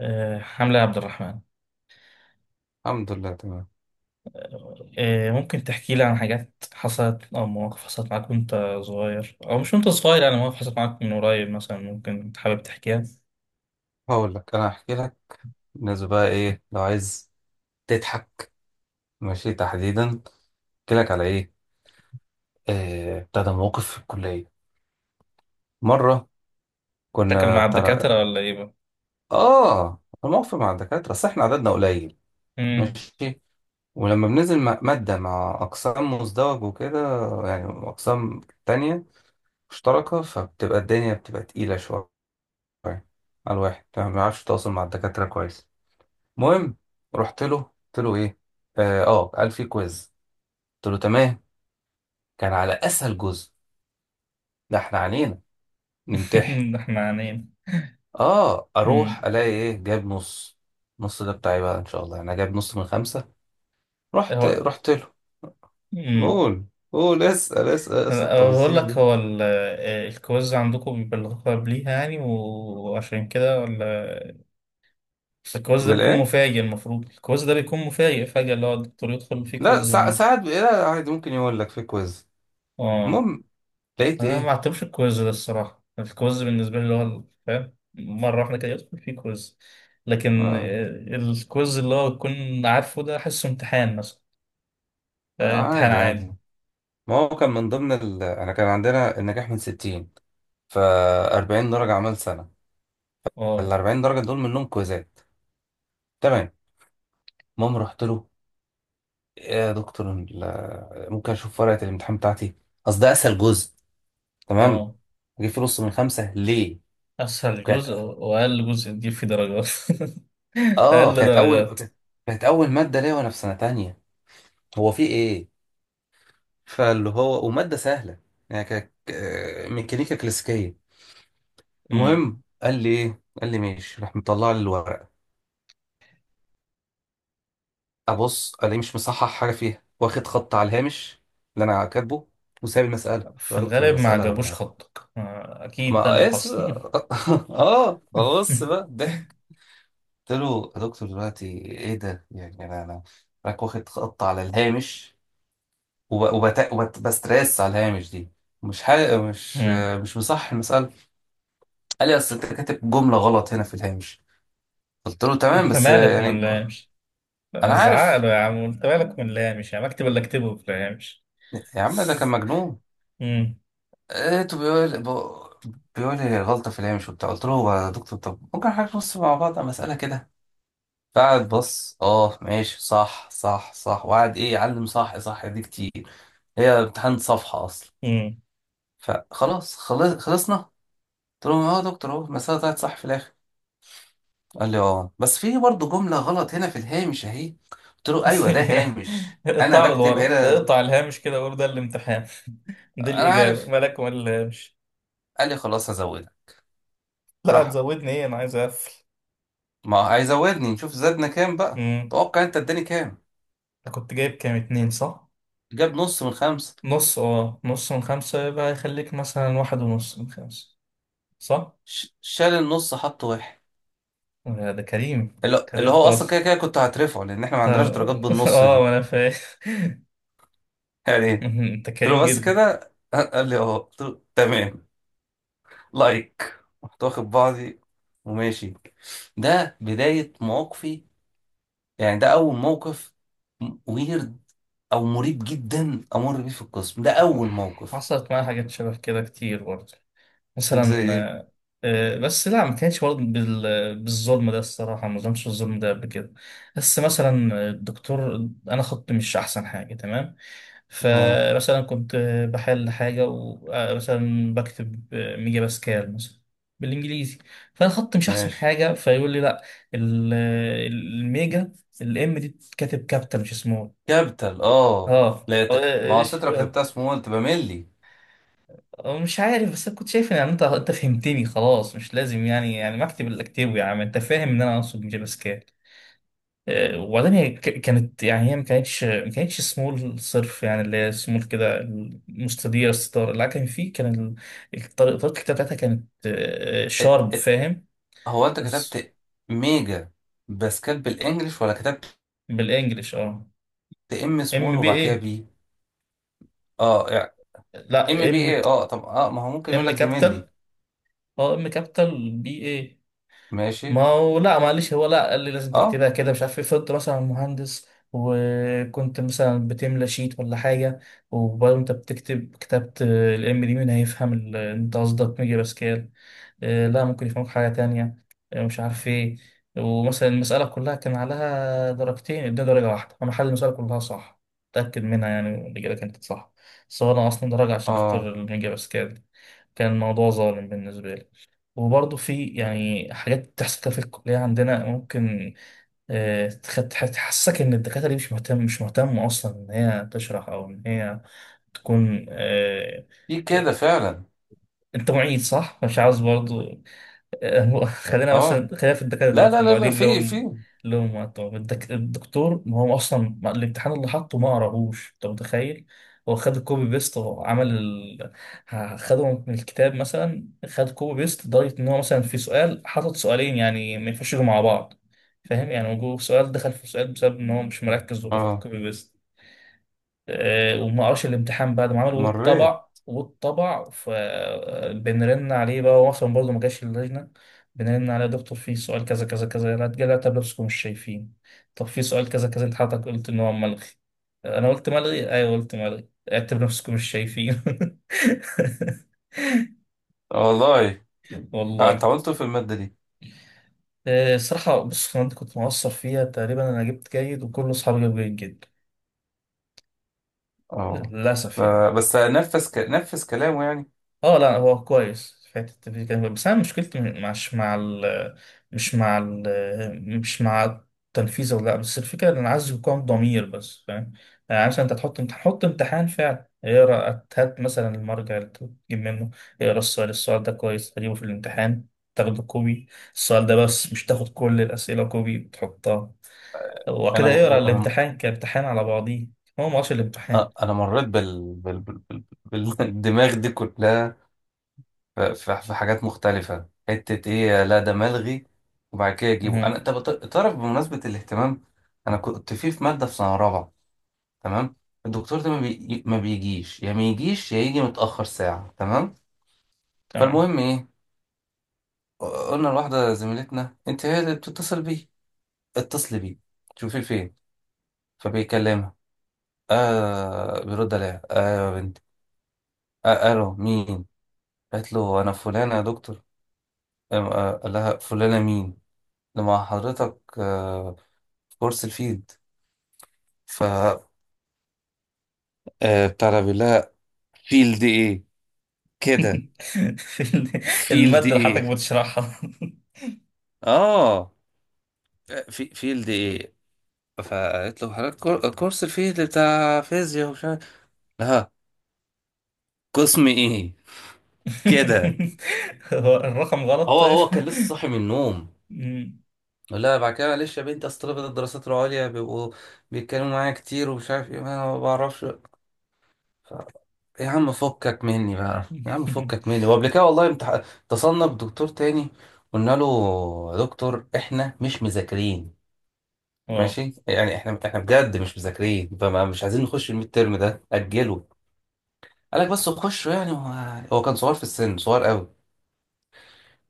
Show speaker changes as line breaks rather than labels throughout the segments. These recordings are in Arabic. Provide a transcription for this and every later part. حملة عبد الرحمن.
الحمد لله تمام.
ممكن تحكي لي عن حاجات حصلت أو مواقف حصلت معاك وأنت صغير، أو مش وأنت صغير، يعني مواقف حصلت معاك من قريب مثلا ممكن حابب تحكيها.
هقول لك، انا هحكي لك بالنسبه بقى ايه لو عايز تضحك. ماشي، تحديدا احكي لك على ايه؟ بتاع ده موقف في الكليه مره.
تاكل
كنا
مع
بتاع
الدكاترة ولا إيه بقى؟
اه الموقف مع الدكاتره، بس احنا عددنا قليل.
مم.
ماشي. ولما بننزل ماده مع اقسام مزدوج وكده، يعني اقسام تانية مشتركه، فبتبقى الدنيا تقيله شويه على الواحد، ما بيعرفش يتواصل مع الدكاتره كويس. المهم رحت له قلت له ايه. قال في كويز. قلت له تمام. كان على اسهل جزء ده احنا علينا نمتحن.
ده إحنا عانين.
اه اروح
مم.
الاقي ايه؟ جاب نص. نص ده بتاعي بقى ان شاء الله، يعني انا جاب نص من خمسة. رحت
هو.
رحت له،
مم.
قول قول اسال
أنا بقول
التفاصيل
لك،
دي
هو الكويز عندكم بيبلغوكوا قبليها يعني وعشان كده، ولا بس الكويز ده بيكون
بالايه؟
مفاجئ؟ المفروض الكويز ده بيكون مفاجئ فجأة، اللي هو الدكتور يدخل فيه
لا،
كويز إنه.
ساعات بقى لا، عادي ممكن يقول لك في كويز.
آه،
المهم لقيت
انا ما
ايه.
اعتبرش الكويز ده الصراحه، يعني الكويز بالنسبه لي اللي هو فاهم، مره واحده كده يدخل فيه كويز. لكن
اه,
الكويز اللي هو تكون عارفه، ده احسه امتحان مثلا. امتحان
عادي عادي.
عادي.
ما هو كان من ضمن انا كان عندنا النجاح من 60، ف 40 درجة عمل سنة، ال
اه،
40 درجه دول منهم كويزات. تمام. المهم رحت له، إيه يا دكتور ممكن اشوف ورقه الامتحان بتاعتي؟ اصل ده اسهل جزء. تمام.
اه.
جيب فيه نص من خمسه ليه؟
اسهل
كانت
جزء واقل جزء تجيب فيه درجات. اقل درجات.
كانت كانت اول ماده ليا وانا في سنه تانية. هو في ايه، فاللي هو وماده سهله، يعني كانت ميكانيكا كلاسيكيه.
مم.
المهم قال لي ايه، قال لي ماشي، راح مطلع لي الورقه. ابص الاقيه مش مصحح حاجه فيها، واخد خط على الهامش اللي انا كاتبه، وسايب المساله. قلت له
في
يا دكتور،
الغالب ما
المساله
عجبوش
يعني
خطك، اكيد ده اللي
ما اس
حصل.
اه فبص بقى ضحك. قلت له يا دكتور دلوقتي ايه ده، يعني انا راك واخد خط على الهامش وب- وبت... وبستريس على الهامش دي، مش حاجة مش
مم.
مش مصح المسألة. قال لي اصل انت كاتب جملة غلط هنا في الهامش. قلت له تمام،
انت
بس
مالك وما
يعني
نلامش.
انا
زعق
عارف.
له: يا عم انت مالك وما نلامش يا مكتب، اللي اكتبه ما نلامش.
يا عم ده كان مجنون.
امم.
لقيته بيقول لي غلطة في الهامش وبتاع. قلت له يا دكتور، طب ممكن حضرتك نص مع بعض على مسألة كده؟ قاعد بص، اه ماشي، صح صح صح، وقعد ايه يعلم صح صح دي كتير. هي امتحان صفحة اصلا.
امم.
فخلاص خلصنا، قلت لهم اه يا دكتور اهو المسألة طلعت صح في الاخر. قال لي اه، بس في برضه جملة غلط هنا في الهامش اهي. قلت له ايوه، ده هامش، انا
اقطع له
بكتب
لورا،
هنا.
اقطع الهامش كده وقول ده الامتحان، دي
انا
الإجابة،
عارف.
مالك وما الهامش.
قال لي خلاص هزودها.
لا،
راح.
هتزودني ايه؟ انا عايز اقفل.
ما هيزودني، نشوف زادنا كام بقى.
امم.
توقع انت اداني كام.
أنت كنت جايب كام، اتنين صح؟
جاب نص من خمسة.
نص؟ اه، نص من خمسة، يبقى يخليك مثلا واحد ونص من خمسة صح؟
شال النص حط واحد.
لا، ده كريم،
اللي
كريم
هو اصلا كده
خالص.
كده كنت هترفعه، لان احنا ما عندناش
طب.
درجات بالنص
اه،
دي،
وانا فاهم.
يعني ايه.
انت
قلت
كريم
له بس
جدا.
كده، قال لي اه، قلت له تمام. لايك. رحت واخد بعضي وماشي. ده بداية مواقفي، يعني ده اول موقف ويرد، او مريب جدا امر بيه في القسم، ده اول موقف.
حصلت معايا حاجات شبه كده كتير برضه. مثلا
زي ايه؟
بس لا، ما كانش برضه بالظلم ده الصراحة، ما ظلمش الظلم ده قبل كده. بس مثلا الدكتور، أنا خطي مش أحسن حاجة تمام،
اه
فمثلا كنت بحل حاجة ومثلا بكتب ميجا باسكال مثلا، بالإنجليزي. فأنا خطي مش أحسن
ماشي.
حاجة، فيقول لي لا، ال- الميجا، الام دي بتتكتب كابيتال مش سمول.
كابيتال،
اه.
لا ما هو أصل انت لو كتبتها سمول تبقى ملي.
مش عارف، بس أنا كنت شايف ان يعني انت فهمتني خلاص، مش لازم يعني، يعني ما اكتب اللي اكتبه، يا عم انت فاهم ان انا اقصد جافا سكريبت. وبعدين هي كانت، يعني هي ما كانتش سمول صرف، يعني اللي هي سمول كده مستديره الستار، لا كان في، كان الطريقه، طريقة الكتابه بتاعتها كانت
ات...
شارب،
ات...
فاهم.
هو انت
بس
كتبت ميجا باسكال بالانجلش ولا كتبت؟
بالانجلش اه.
ده ام سمول
ام بي
وبعد كده
اي.
بي؟ اه يعني ام
لا،
بي
ام.
ايه. اه طب ما هو ممكن يقول
ام
لك دي ملي.
كابيتال. اه، ام كابيتال بي.
ماشي.
ما هو لا معلش، هو لا، قال لي لازم
اه
تكتبها كده مش عارف ايه، فضلت مثلا مهندس وكنت مثلا بتملى شيت ولا حاجة، وبرضه انت بتكتب، كتبت الام دي مين هيفهم انت قصدك ميجا باسكال؟ لا، ممكن يفهمك حاجة تانية، مش عارف ايه. ومثلا المسألة كلها كان عليها درجتين، اديني درجة واحدة. انا حل المسألة كلها صح، متأكد منها، يعني الإجابة كانت صح، بس هو أنا أصلا درجة عشان خاطر
اه
الميجا باسكال. كان الموضوع ظالم بالنسبة لي. وبرضه في يعني حاجات بتحصل كده في الكلية عندنا، ممكن تحسسك إن الدكاترة دي مش مهتمة أصلا إن هي تشرح، أو إن هي تكون
في كده
آه،
فعلا.
أنت معيد صح؟ مش عاوز برضه. هو خلينا
اه
مثلا، خلينا في الدكاترة
لا
دلوقتي،
لا لا لا
المعيدين
في في
لهم وقتهم. الدكتور، ما هو أصلا الامتحان اللي حطه ما قراهوش، أنت متخيل؟ هو خد الكوبي بيست، هو عمل خده من الكتاب مثلا، خد كوبي بيست، لدرجة إن هو مثلا في سؤال حاطط سؤالين يعني ما ينفعش يجوا مع بعض، فاهم يعني، وجوه سؤال دخل في سؤال بسبب إن هو مش مركز وبياخد
اه
كوبي بيست. وما قراش الامتحان بعد ما عمله
مريت.
والطبع والطبع، فبنرن عليه بقى، هو اصلا برضه ما جاش اللجنه. بنرن عليه: يا دكتور في سؤال كذا كذا كذا، لا تجلى، طب لابسكم مش شايفين؟ طب في سؤال كذا كذا انت حضرتك قلت ان هو ملغي. انا قلت ملغي، ايوه قلت ملغي، اعتبر نفسكم مش شايفين.
والله. انت
والله.
عملته في المادة دي.
الصراحه بص، انا كنت مقصر فيها تقريبا، انا جبت جيد وكل اصحابي جابوا جيد جدا،
اه
للاسف يعني.
بس نفذ نفذ كلامه يعني.
اه، لا هو كويس، في حته التنفيذ كان كويس. بس انا مشكلتي مش مع التنفيذ ولا لا، بس الفكره ان انا عايز يكون ضمير بس، فاهم يعني. مثلا انت تحط، تحط امتحان فعلا، اقرا، هات مثلا المرجع اللي تجيب منه، اقرا السؤال، السؤال ده كويس تجيبه في الامتحان، تاخده كوبي، السؤال ده بس، مش تاخد كل الاسئله كوبي وتحطها
انا
وكده. اقرا الامتحان كامتحان على بعضيه، هو ما هوش الامتحان.
انا مريت بالدماغ دي كلها. في حاجات مختلفة، حتة ايه، لا ده ملغي. وبعد كده يجيبه.
مهم.
انا طب تعرف بمناسبة الاهتمام، انا كنت في مادة في سنة رابعة. تمام. الدكتور ده ما بيجيش، يا ما يجيش يا يجي متأخر ساعة. تمام.
تمام.
فالمهم ايه. قلنا لواحدة زميلتنا انت هي اللي بتتصل بيه، اتصلي بيه شوفي فين. فبيكلمها. بيرد عليها، آه يا بنت، آه الو مين. قالت له انا فلانة يا دكتور. قال لها فلانة مين؟ لما حضرتك كورس الفيلد. ف بتاع ده بيقول لها فيلد ايه كده، فيلد
المادة اللي حضرتك
ايه،
بتشرحها.
اه في فيلد ايه. فقالت له حضرتك كورس الفيلد بتاع فيزياء، ومش عارف ها قسم ايه كده.
هو الرقم غلط
هو
طيب؟
هو كان لسه صاحي من النوم.
مم.
لا بعد كده معلش يا بنتي، اصل طلبة الدراسات العليا بيبقوا بيتكلموا معايا كتير ومش عارف ايه، ما أنا ما بعرفش. يا عم فكك مني بقى، يا عم فكك مني. وقبل كده والله اتصلنا بدكتور تاني. قلنا له يا دكتور احنا مش مذاكرين،
اه.
ماشي يعني، احنا بجد مش مذاكرين، فما مش عايزين نخش الميد ترم ده، اجله. قال لك بس خشوا يعني. هو كان صغير في السن، صغير قوي.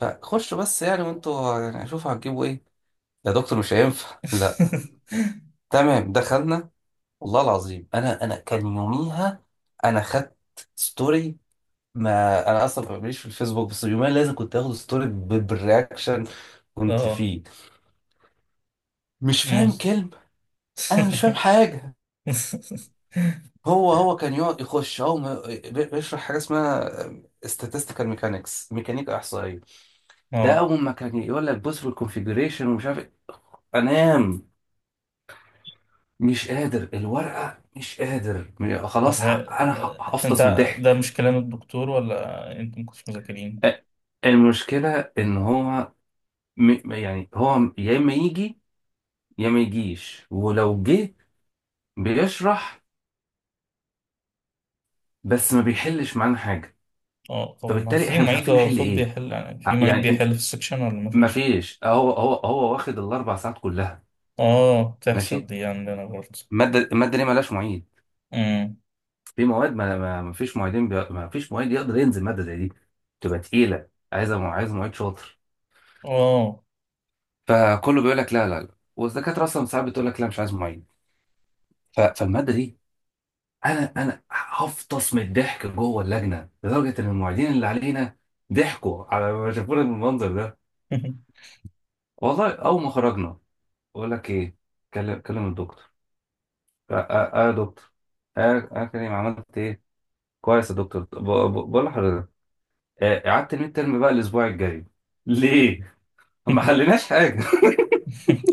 فخشوا بس يعني، وانتوا يعني شوفوا هتجيبوا ايه. يا دكتور مش هينفع لا. تمام، دخلنا والله العظيم. انا كان يوميها انا خدت ستوري. ما انا اصلا ماليش في الفيسبوك، بس اليومين لازم كنت اخد ستوري بالرياكشن. كنت
اه.
فيه مش فاهم
مص-
كلمه، انا مش فاهم حاجه. هو كان يقعد يخش، هو بيشرح حاجه اسمها statistical mechanics، ميكانيكا احصائيه. ده
اه.
اول ما كان يقول لك بص في الكونفيجريشن ومش عارف إيه، انام مش قادر، الورقه مش قادر
طب
خلاص،
ها،
انا
انت،
هفطس من
ده
الضحك.
مش كلام الدكتور، ولا انتوا مكنتوش مذاكرين؟
أ- المشكله ان هو يعني هو يا اما يجي يا ما يجيش، ولو جه بيشرح بس ما بيحلش معانا حاجه.
اه طب ما
فبالتالي
في
احنا مش
معيد؟
عارفين
هو
نحل
المفروض
ايه.
بيحل، يعني في معيد
يعني انت
بيحل في السكشن ولا ما
ما
فيش؟
فيش. هو واخد الاربع ساعات كلها.
اه بتحصل
ماشي.
دي عندنا برضه.
الماده دي مالهاش معيد.
امم.
في مواد ما فيش معيدين، ما فيش معيد يقدر ينزل ماده زي دي، تبقى تقيله، عايزه عايز معيد شاطر.
اه.
فكله بيقول لك لا لا لا، والدكاتره اصلا ساعات بتقول لك لا مش عايز معيد. فالماده دي انا هفطس من الضحك جوه اللجنه، لدرجه ان المعيدين اللي علينا ضحكوا على ما شافونا بالمنظر ده. والله اول ما خرجنا بقول لك ايه، كلم الدكتور. يا دكتور، اه كريم عملت ايه. كويس يا دكتور، بقول لحضرتك اعدت الميد ترم بقى الاسبوع الجاي. ليه؟ ما حليناش حاجه.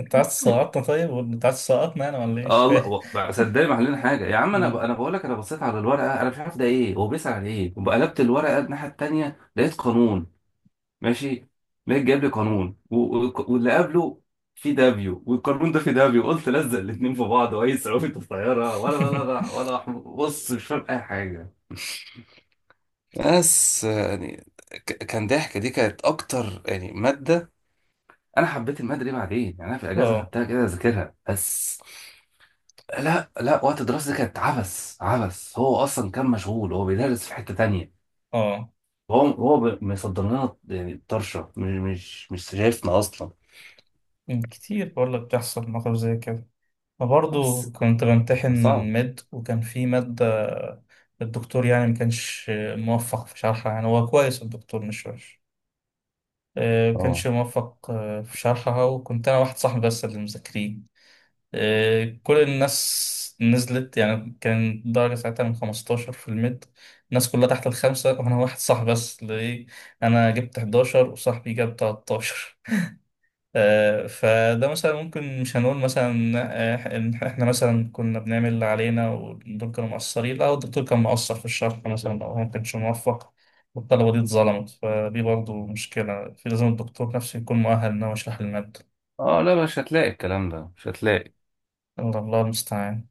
انت عايز تسقطنا طيب؟ ولا انت عايز تسقطنا انا ولا ايه؟ مش
اه والله
فاهم.
بقى صدقني ما حلينا حاجه يا عم. انا
مم.
انا بقول لك، انا بصيت على الورقه انا مش عارف ده ايه، هو بيسأل على ايه. وقلبت الورقه الناحيه التانيه لقيت قانون، ماشي. لقيت جايب لي قانون واللي قبله في دافيو، والقانون ده في دافيو، قلت لزق الاتنين في بعض، واي صعوبة الطيارة، ولا ولا ولا ولا بص مش فاهم اي حاجة. بس يعني كان ضحك. دي كانت اكتر يعني ماده. انا حبيت الماده دي بعدين يعني، انا في الاجازه
اه،
خدتها كده اذاكرها بس. لا لا، وقت الدراسه دي كانت عبث عبث. هو اصلا كان مشغول، هو بيدرس في حته تانية.
اه.
هو مصدر لنا يعني طرشه، مش شايفنا اصلا.
مم، كتير بقول لك بتحصل مواقف زي كده، برضه
بس
كنت بمتحن
صعب.
مد، وكان في مادة، الدكتور يعني ما كانش موفق في شرحها، يعني هو كويس الدكتور مش وحش، ما
اه
كانش موفق في شرحها. وكنت انا واحد صاحبي بس اللي مذاكرين، كل الناس نزلت، يعني كان درجة ساعتها من 15 في الميد، الناس كلها تحت الخمسة، وأنا واحد صاحبي بس ليه، أنا جبت 11 وصاحبي جاب 13. فده مثلا ممكن مش هنقول مثلا إن إحنا مثلا كنا بنعمل اللي علينا والدكتور كانوا مقصرين، لا الدكتور كان مقصر في الشرح مثلا، أو هو ما كانش موفق، والطلبة دي اتظلمت، فدي برضه مشكلة. في لازم الدكتور نفسه يكون مؤهل إن هو يشرح المادة.
اه لا مش هتلاقي الكلام ده، مش هتلاقي
الله، الله المستعان.